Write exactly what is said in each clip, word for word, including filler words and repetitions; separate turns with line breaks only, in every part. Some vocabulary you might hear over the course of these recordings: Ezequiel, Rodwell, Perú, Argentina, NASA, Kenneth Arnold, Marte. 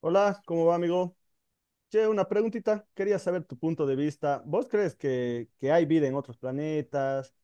Hola, ¿cómo va, amigo? Che, una preguntita. Quería saber tu punto de vista. ¿Vos crees que, que hay vida en otros planetas?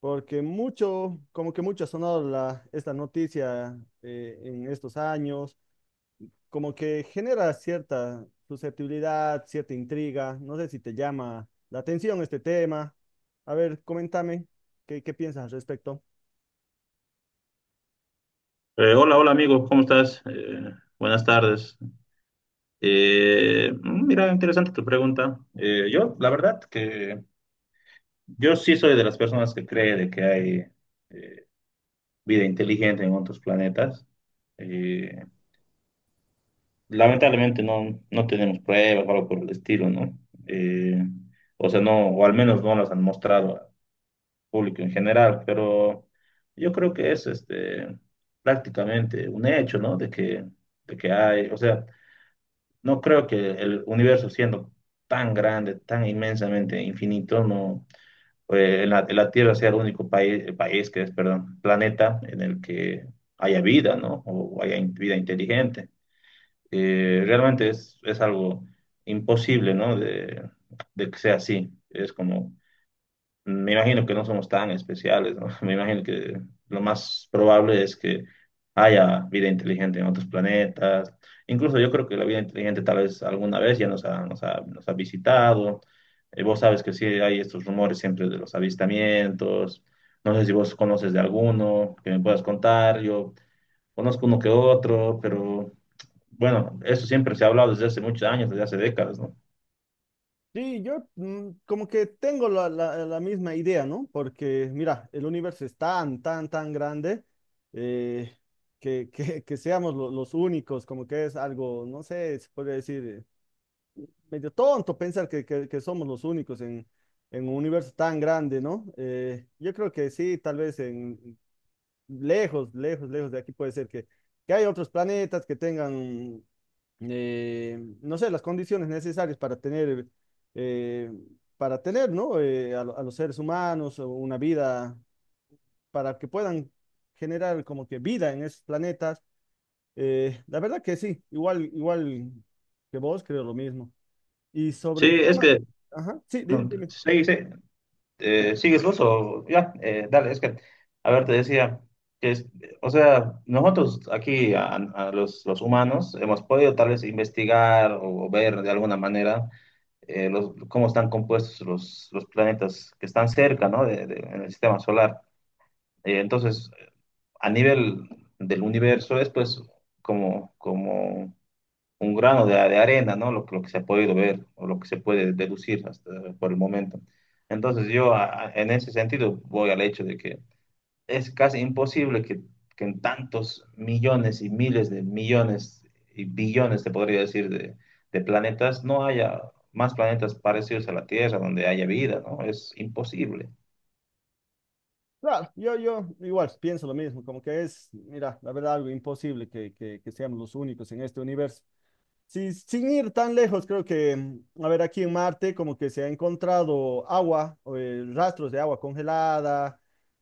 Porque mucho, como que mucho ha sonado la, esta noticia eh, en estos años, como que genera cierta susceptibilidad, cierta intriga. No sé si te llama la atención este tema. A ver, coméntame, ¿qué, qué piensas al respecto?
Eh, hola, hola amigo, ¿cómo estás? Eh, buenas tardes. Eh, mm, mira, interesante tu pregunta. Eh, yo, la verdad que yo sí soy de las personas que cree de que hay eh, vida inteligente en otros planetas. Eh, Lamentablemente no, no tenemos pruebas o algo por el estilo, ¿no? Eh, o sea, no, o al menos no las han mostrado al público en general, pero yo creo que es este, prácticamente un hecho, ¿no? De que, de que hay, o sea... No creo que el universo siendo tan grande, tan inmensamente infinito, no, eh, la, la Tierra sea el único país, país que es, perdón, planeta en el que haya vida, ¿no? O haya in- vida inteligente. Eh, realmente es, es algo imposible, ¿no? De, de que sea así. Es como me imagino que no somos tan especiales, ¿no? Me imagino que lo más probable es que haya vida inteligente en otros planetas. Incluso yo creo que la vida inteligente tal vez alguna vez ya nos ha, nos ha- nos ha visitado. Eh, vos sabes que sí hay estos rumores siempre de los avistamientos. No sé si vos conoces de alguno que me puedas contar. Yo conozco uno que otro, pero bueno, eso siempre se ha hablado desde hace muchos años, desde hace décadas, ¿no?
Sí, yo mm, como que tengo la, la- la misma idea, ¿no? Porque mira, el universo es tan, tan, tan grande eh, que, que- que seamos lo- los únicos, como que es algo, no sé, se podría decir, eh, medio tonto pensar que, que- que somos los únicos en, en un universo tan grande, ¿no? Eh, yo creo que sí, tal vez en lejos, lejos, lejos de aquí puede ser que, que hay otros planetas que tengan eh, no sé, las condiciones necesarias para tener, eh, para tener, ¿no? Eh, a, lo- a los seres humanos o una vida, para que puedan generar como que vida en esos planetas. Eh, la verdad que sí, igual, igual que vos, creo lo mismo. Y sobre
Sí,
el
es
tema, de-
que...
ajá, sí, dime,
No,
dime.
sí, sí. Eh, ¿sigues vos o ya? Eh, dale, es que, a ver, te decía que, es- o sea, nosotros aquí, a, a los, los humanos, hemos podido tal vez investigar o ver de alguna manera eh, los, cómo están compuestos los, los planetas que están cerca, ¿no? De- de- en el sistema solar. Eh, entonces, a nivel del universo es pues como, como un grano de, de arena, ¿no? Lo, lo que se ha podido ver o lo que se puede deducir hasta por el momento. Entonces yo a- a- en ese sentido voy al hecho de que es casi imposible que, que en tantos millones y miles de millones y billones, te podría decir, de, de planetas, no haya más planetas parecidos a la Tierra donde haya vida, ¿no? Es imposible.
Claro, yo, yo igual pienso lo mismo, como que es, mira, la verdad, algo imposible que, que que seamos los únicos en este universo. Sí, sin ir tan lejos, creo que, mm, a ver, aquí en Marte como que se ha encontrado agua, o, eh, rastros de agua congelada,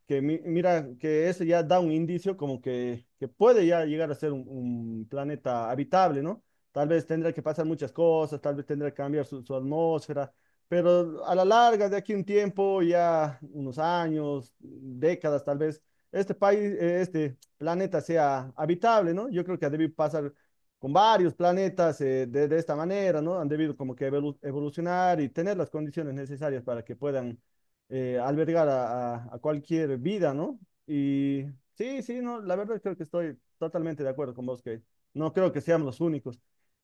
que mi- mira, que eso ya da un indicio como que, que puede ya llegar a ser un, un planeta habitable, ¿no? Tal vez tendrá que pasar muchas cosas, tal vez tendrá que cambiar su, su atmósfera, pero a la larga, de aquí un tiempo, ya unos años, décadas tal vez, este país, eh, este planeta sea habitable, ¿no? Yo creo que ha debido pasar con varios planetas eh, de, de esta manera, ¿no? Han debido como que evolucionar y tener las condiciones necesarias para que puedan eh, albergar a, a- a cualquier vida, ¿no? Y sí, sí, no, la verdad creo que estoy totalmente de acuerdo con vos, que no creo que seamos los únicos.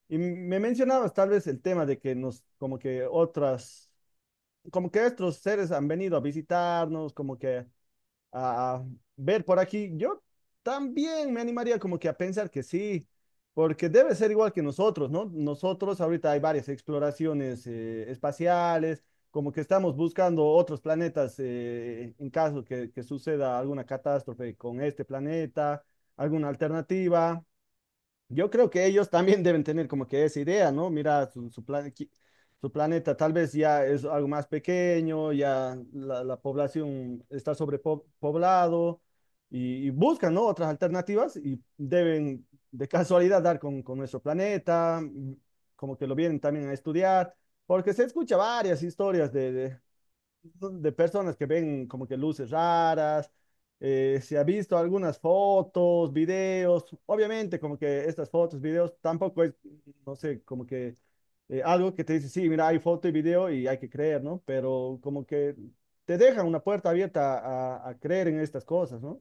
Y me mencionabas tal vez el tema de que nos, como que otras, como que estos seres han venido a visitarnos, como que a ver por aquí. Yo también me animaría como que a pensar que sí, porque debe ser igual que nosotros, ¿no? Nosotros ahorita hay varias exploraciones eh, espaciales, como que estamos buscando otros planetas eh, en caso que, que suceda alguna catástrofe con este planeta, alguna alternativa. Yo creo que ellos también deben tener como que esa idea, ¿no? Mira, su, su, plan- qui- su planeta tal vez ya es algo más pequeño, ya la, la población está sobrepoblado y, y buscan, ¿no? Otras alternativas y deben de casualidad dar con, con nuestro planeta, mm, como que lo vienen también a estudiar, porque se escucha varias historias de, de de personas que ven como que luces raras, eh, se ha visto algunas fotos, videos, obviamente como que estas fotos, videos tampoco es, no sé, como que eh, algo que te dice, sí, mira, hay foto y video y hay que creer, ¿no? Pero como que te dejan una puerta abierta a, a creer en estas cosas, ¿no?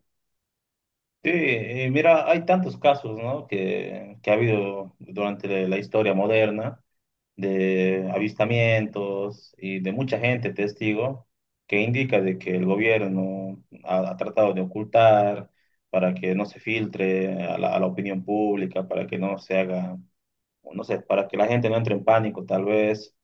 Sí, y mira, hay tantos casos, ¿no? Que, que ha habido durante la la historia moderna de avistamientos y de mucha gente testigo que indica de que el gobierno ha, ha tratado de ocultar para que no se filtre a la, a la opinión pública, para que no se haga, o no sé, para que la gente no entre en pánico tal vez.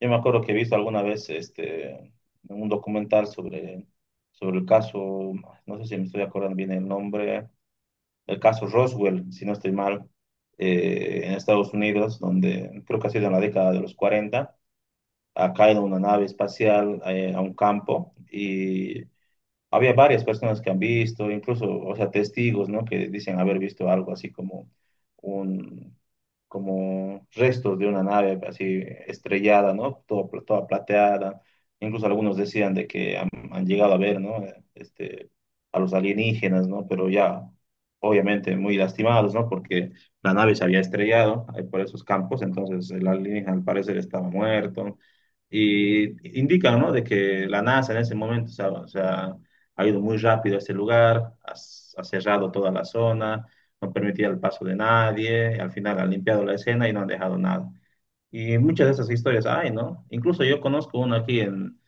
Yo me acuerdo que he visto alguna vez este, un documental sobre, sobre el caso, no sé si me estoy acordando bien el nombre, el caso Roswell, si no estoy mal, eh, en Estados Unidos, donde creo que ha sido en la década de los cuarenta, ha caído una nave espacial eh, a un campo, y había varias personas que han visto, incluso, o sea, testigos, ¿no? Que dicen haber visto algo así como un, como restos de una nave así estrellada, ¿no? Todo, pla- toda plateada. Incluso algunos decían de que han, han llegado a ver, ¿no? Este, a los alienígenas, ¿no? Pero ya, obviamente, muy lastimados, ¿no? Porque la nave se había estrellado ahí por esos campos, entonces el alienígena al parecer estaba muerto. Y indican, ¿no? De que la NASA en ese momento, o sea, o sea, ha ido muy rápido a ese lugar, ha, ha cerrado toda la zona, no permitía el paso de nadie, al final ha limpiado la escena y no han dejado nada. Y muchas de esas historias hay, ¿no? Incluso yo conozco una aquí en,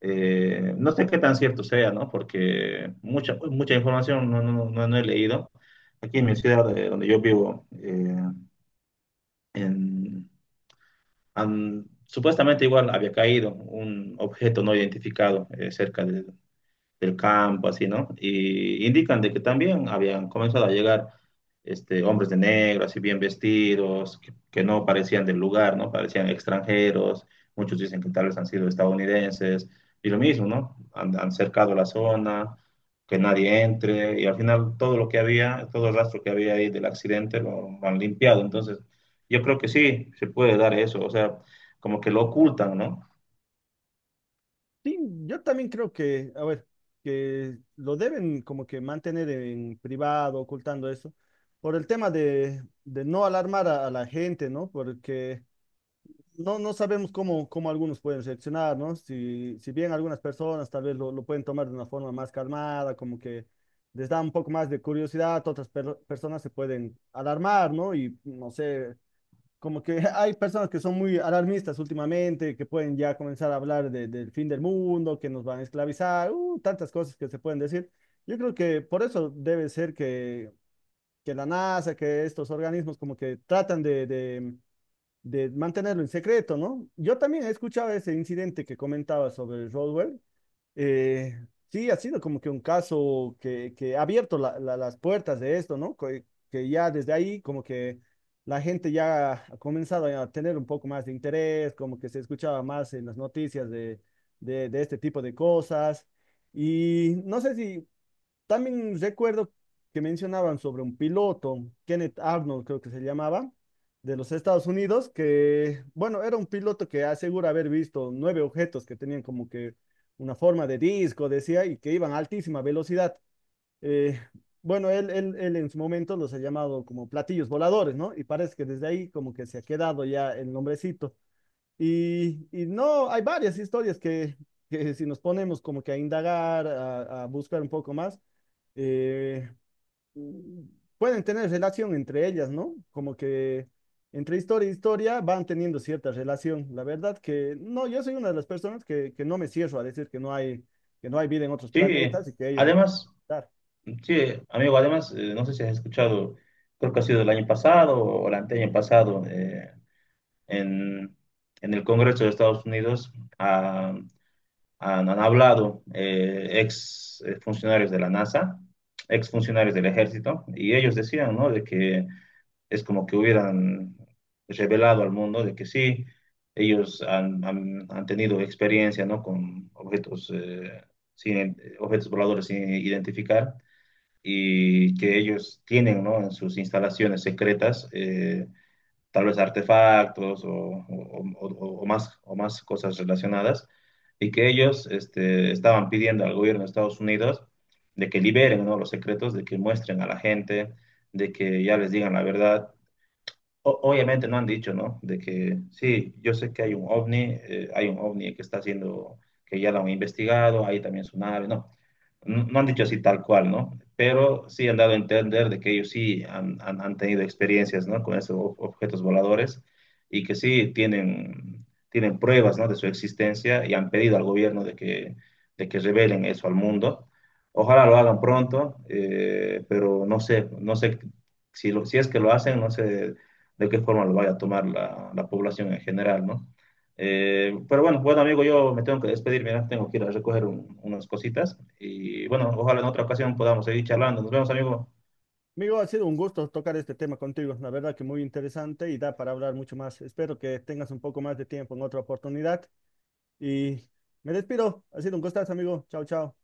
eh, no sé qué tan cierto sea, ¿no? Porque mucha, mucha información no, no, no, no he leído. Aquí en mi ciudad eh, donde yo vivo, eh, en, han- supuestamente igual había caído un objeto no identificado eh, cerca de, del campo, así, ¿no? Y indican de que también habían comenzado a llegar este, hombres de negro, así bien vestidos, que, que no parecían del lugar, ¿no? Parecían extranjeros, muchos dicen que tal vez han sido estadounidenses, y lo mismo, ¿no? Han, han cercado la zona, que nadie entre, y al final todo lo que había, todo el rastro que había ahí del accidente lo, lo han limpiado, entonces yo creo que sí, se puede dar eso, o sea, como que lo ocultan, ¿no?
Sí, yo también creo que, a ver, que lo deben como que mantener en privado, ocultando eso, por el tema de, de no alarmar a, a la gente, ¿no? Porque no, no sabemos cómo, cómo algunos pueden reaccionar, ¿no? Si, si bien algunas personas tal vez lo, lo pueden tomar de una forma más calmada, como que les da un poco más de curiosidad, otras per- personas se pueden alarmar, ¿no? Y no sé, como que hay personas que son muy alarmistas últimamente, que pueden ya comenzar a hablar de- del fin del mundo, que nos van a esclavizar, uh, tantas cosas que se pueden decir. Yo creo que por eso debe ser que, que la NASA, que estos organismos como que tratan de de- de mantenerlo en secreto, ¿no? Yo también he escuchado ese incidente que comentaba sobre Rodwell. Eh, sí, ha sido como que un caso que, que ha abierto la- la- las puertas de esto, ¿no? Que, que ya desde ahí como que la gente ya ha comenzado a tener un poco más de interés, como que se escuchaba más en las noticias de, de, de este tipo de cosas. Y no sé si también recuerdo que mencionaban sobre un piloto, Kenneth Arnold creo que se llamaba, de los Estados Unidos, que, bueno, era un piloto que asegura haber visto nueve objetos que tenían como que una forma de disco, decía, y que iban a altísima velocidad. Eh, bueno, él, él, él en su momento los ha llamado como platillos voladores, ¿no? Y parece que desde ahí como que se ha quedado ya el nombrecito. Y, y no, hay varias historias que, que si nos ponemos como que a indagar, a, a buscar un poco más, eh, pueden tener relación entre ellas, ¿no? Como que entre historia y historia van teniendo cierta relación. La verdad que no, yo soy una de las personas que, que no me cierro a decir que no hay, que no hay vida en otros
Sí,
planetas y que ellos no.
además...
Claro.
Sí, amigo, además, eh, no sé si has escuchado, creo que ha sido el año pasado o el anteaño pasado, eh, en, en el Congreso de Estados Unidos ah, han, han hablado eh, ex eh, funcionarios de la NASA, ex funcionarios del ejército, y ellos decían, ¿no? De que es como que hubieran revelado al mundo de que sí, ellos han, han- han tenido experiencia, ¿no? Con objetos, eh, sin, eh, objetos voladores sin identificar, y que ellos tienen, ¿no? en sus instalaciones secretas, eh, tal vez artefactos o, o- o- o más, o más cosas relacionadas, y que ellos este, estaban pidiendo al gobierno de Estados Unidos de que liberen, ¿no? los secretos, de que muestren a la gente, de que ya les digan la verdad. O- obviamente no han dicho, ¿no? De que sí, yo sé que hay un ovni, eh, hay un ovni que está haciendo, que ya lo han investigado, hay también su nave, no no, no han dicho así tal cual, ¿no? Pero sí han dado a entender de que ellos sí han, han- han tenido experiencias, ¿no? Con esos ob- objetos voladores, y que sí tienen, tienen pruebas, ¿no? De su existencia, y han pedido al gobierno de que, de que revelen eso al mundo. Ojalá lo hagan pronto, eh, pero no sé, no sé si, lo- si es que lo hacen, no sé de qué forma lo vaya a tomar la, la población en general, ¿no? Eh, pero bueno, bueno amigo, yo me tengo que despedir, mira, tengo que ir a recoger un- unas cositas y bueno, ojalá en otra ocasión podamos seguir charlando. Nos vemos, amigo.
Amigo, ha sido un gusto tocar este tema contigo. La verdad que muy interesante y da para hablar mucho más. Espero que tengas un poco más de tiempo en otra oportunidad. Y me despido. Ha sido un gustazo, amigo. Chao, chao.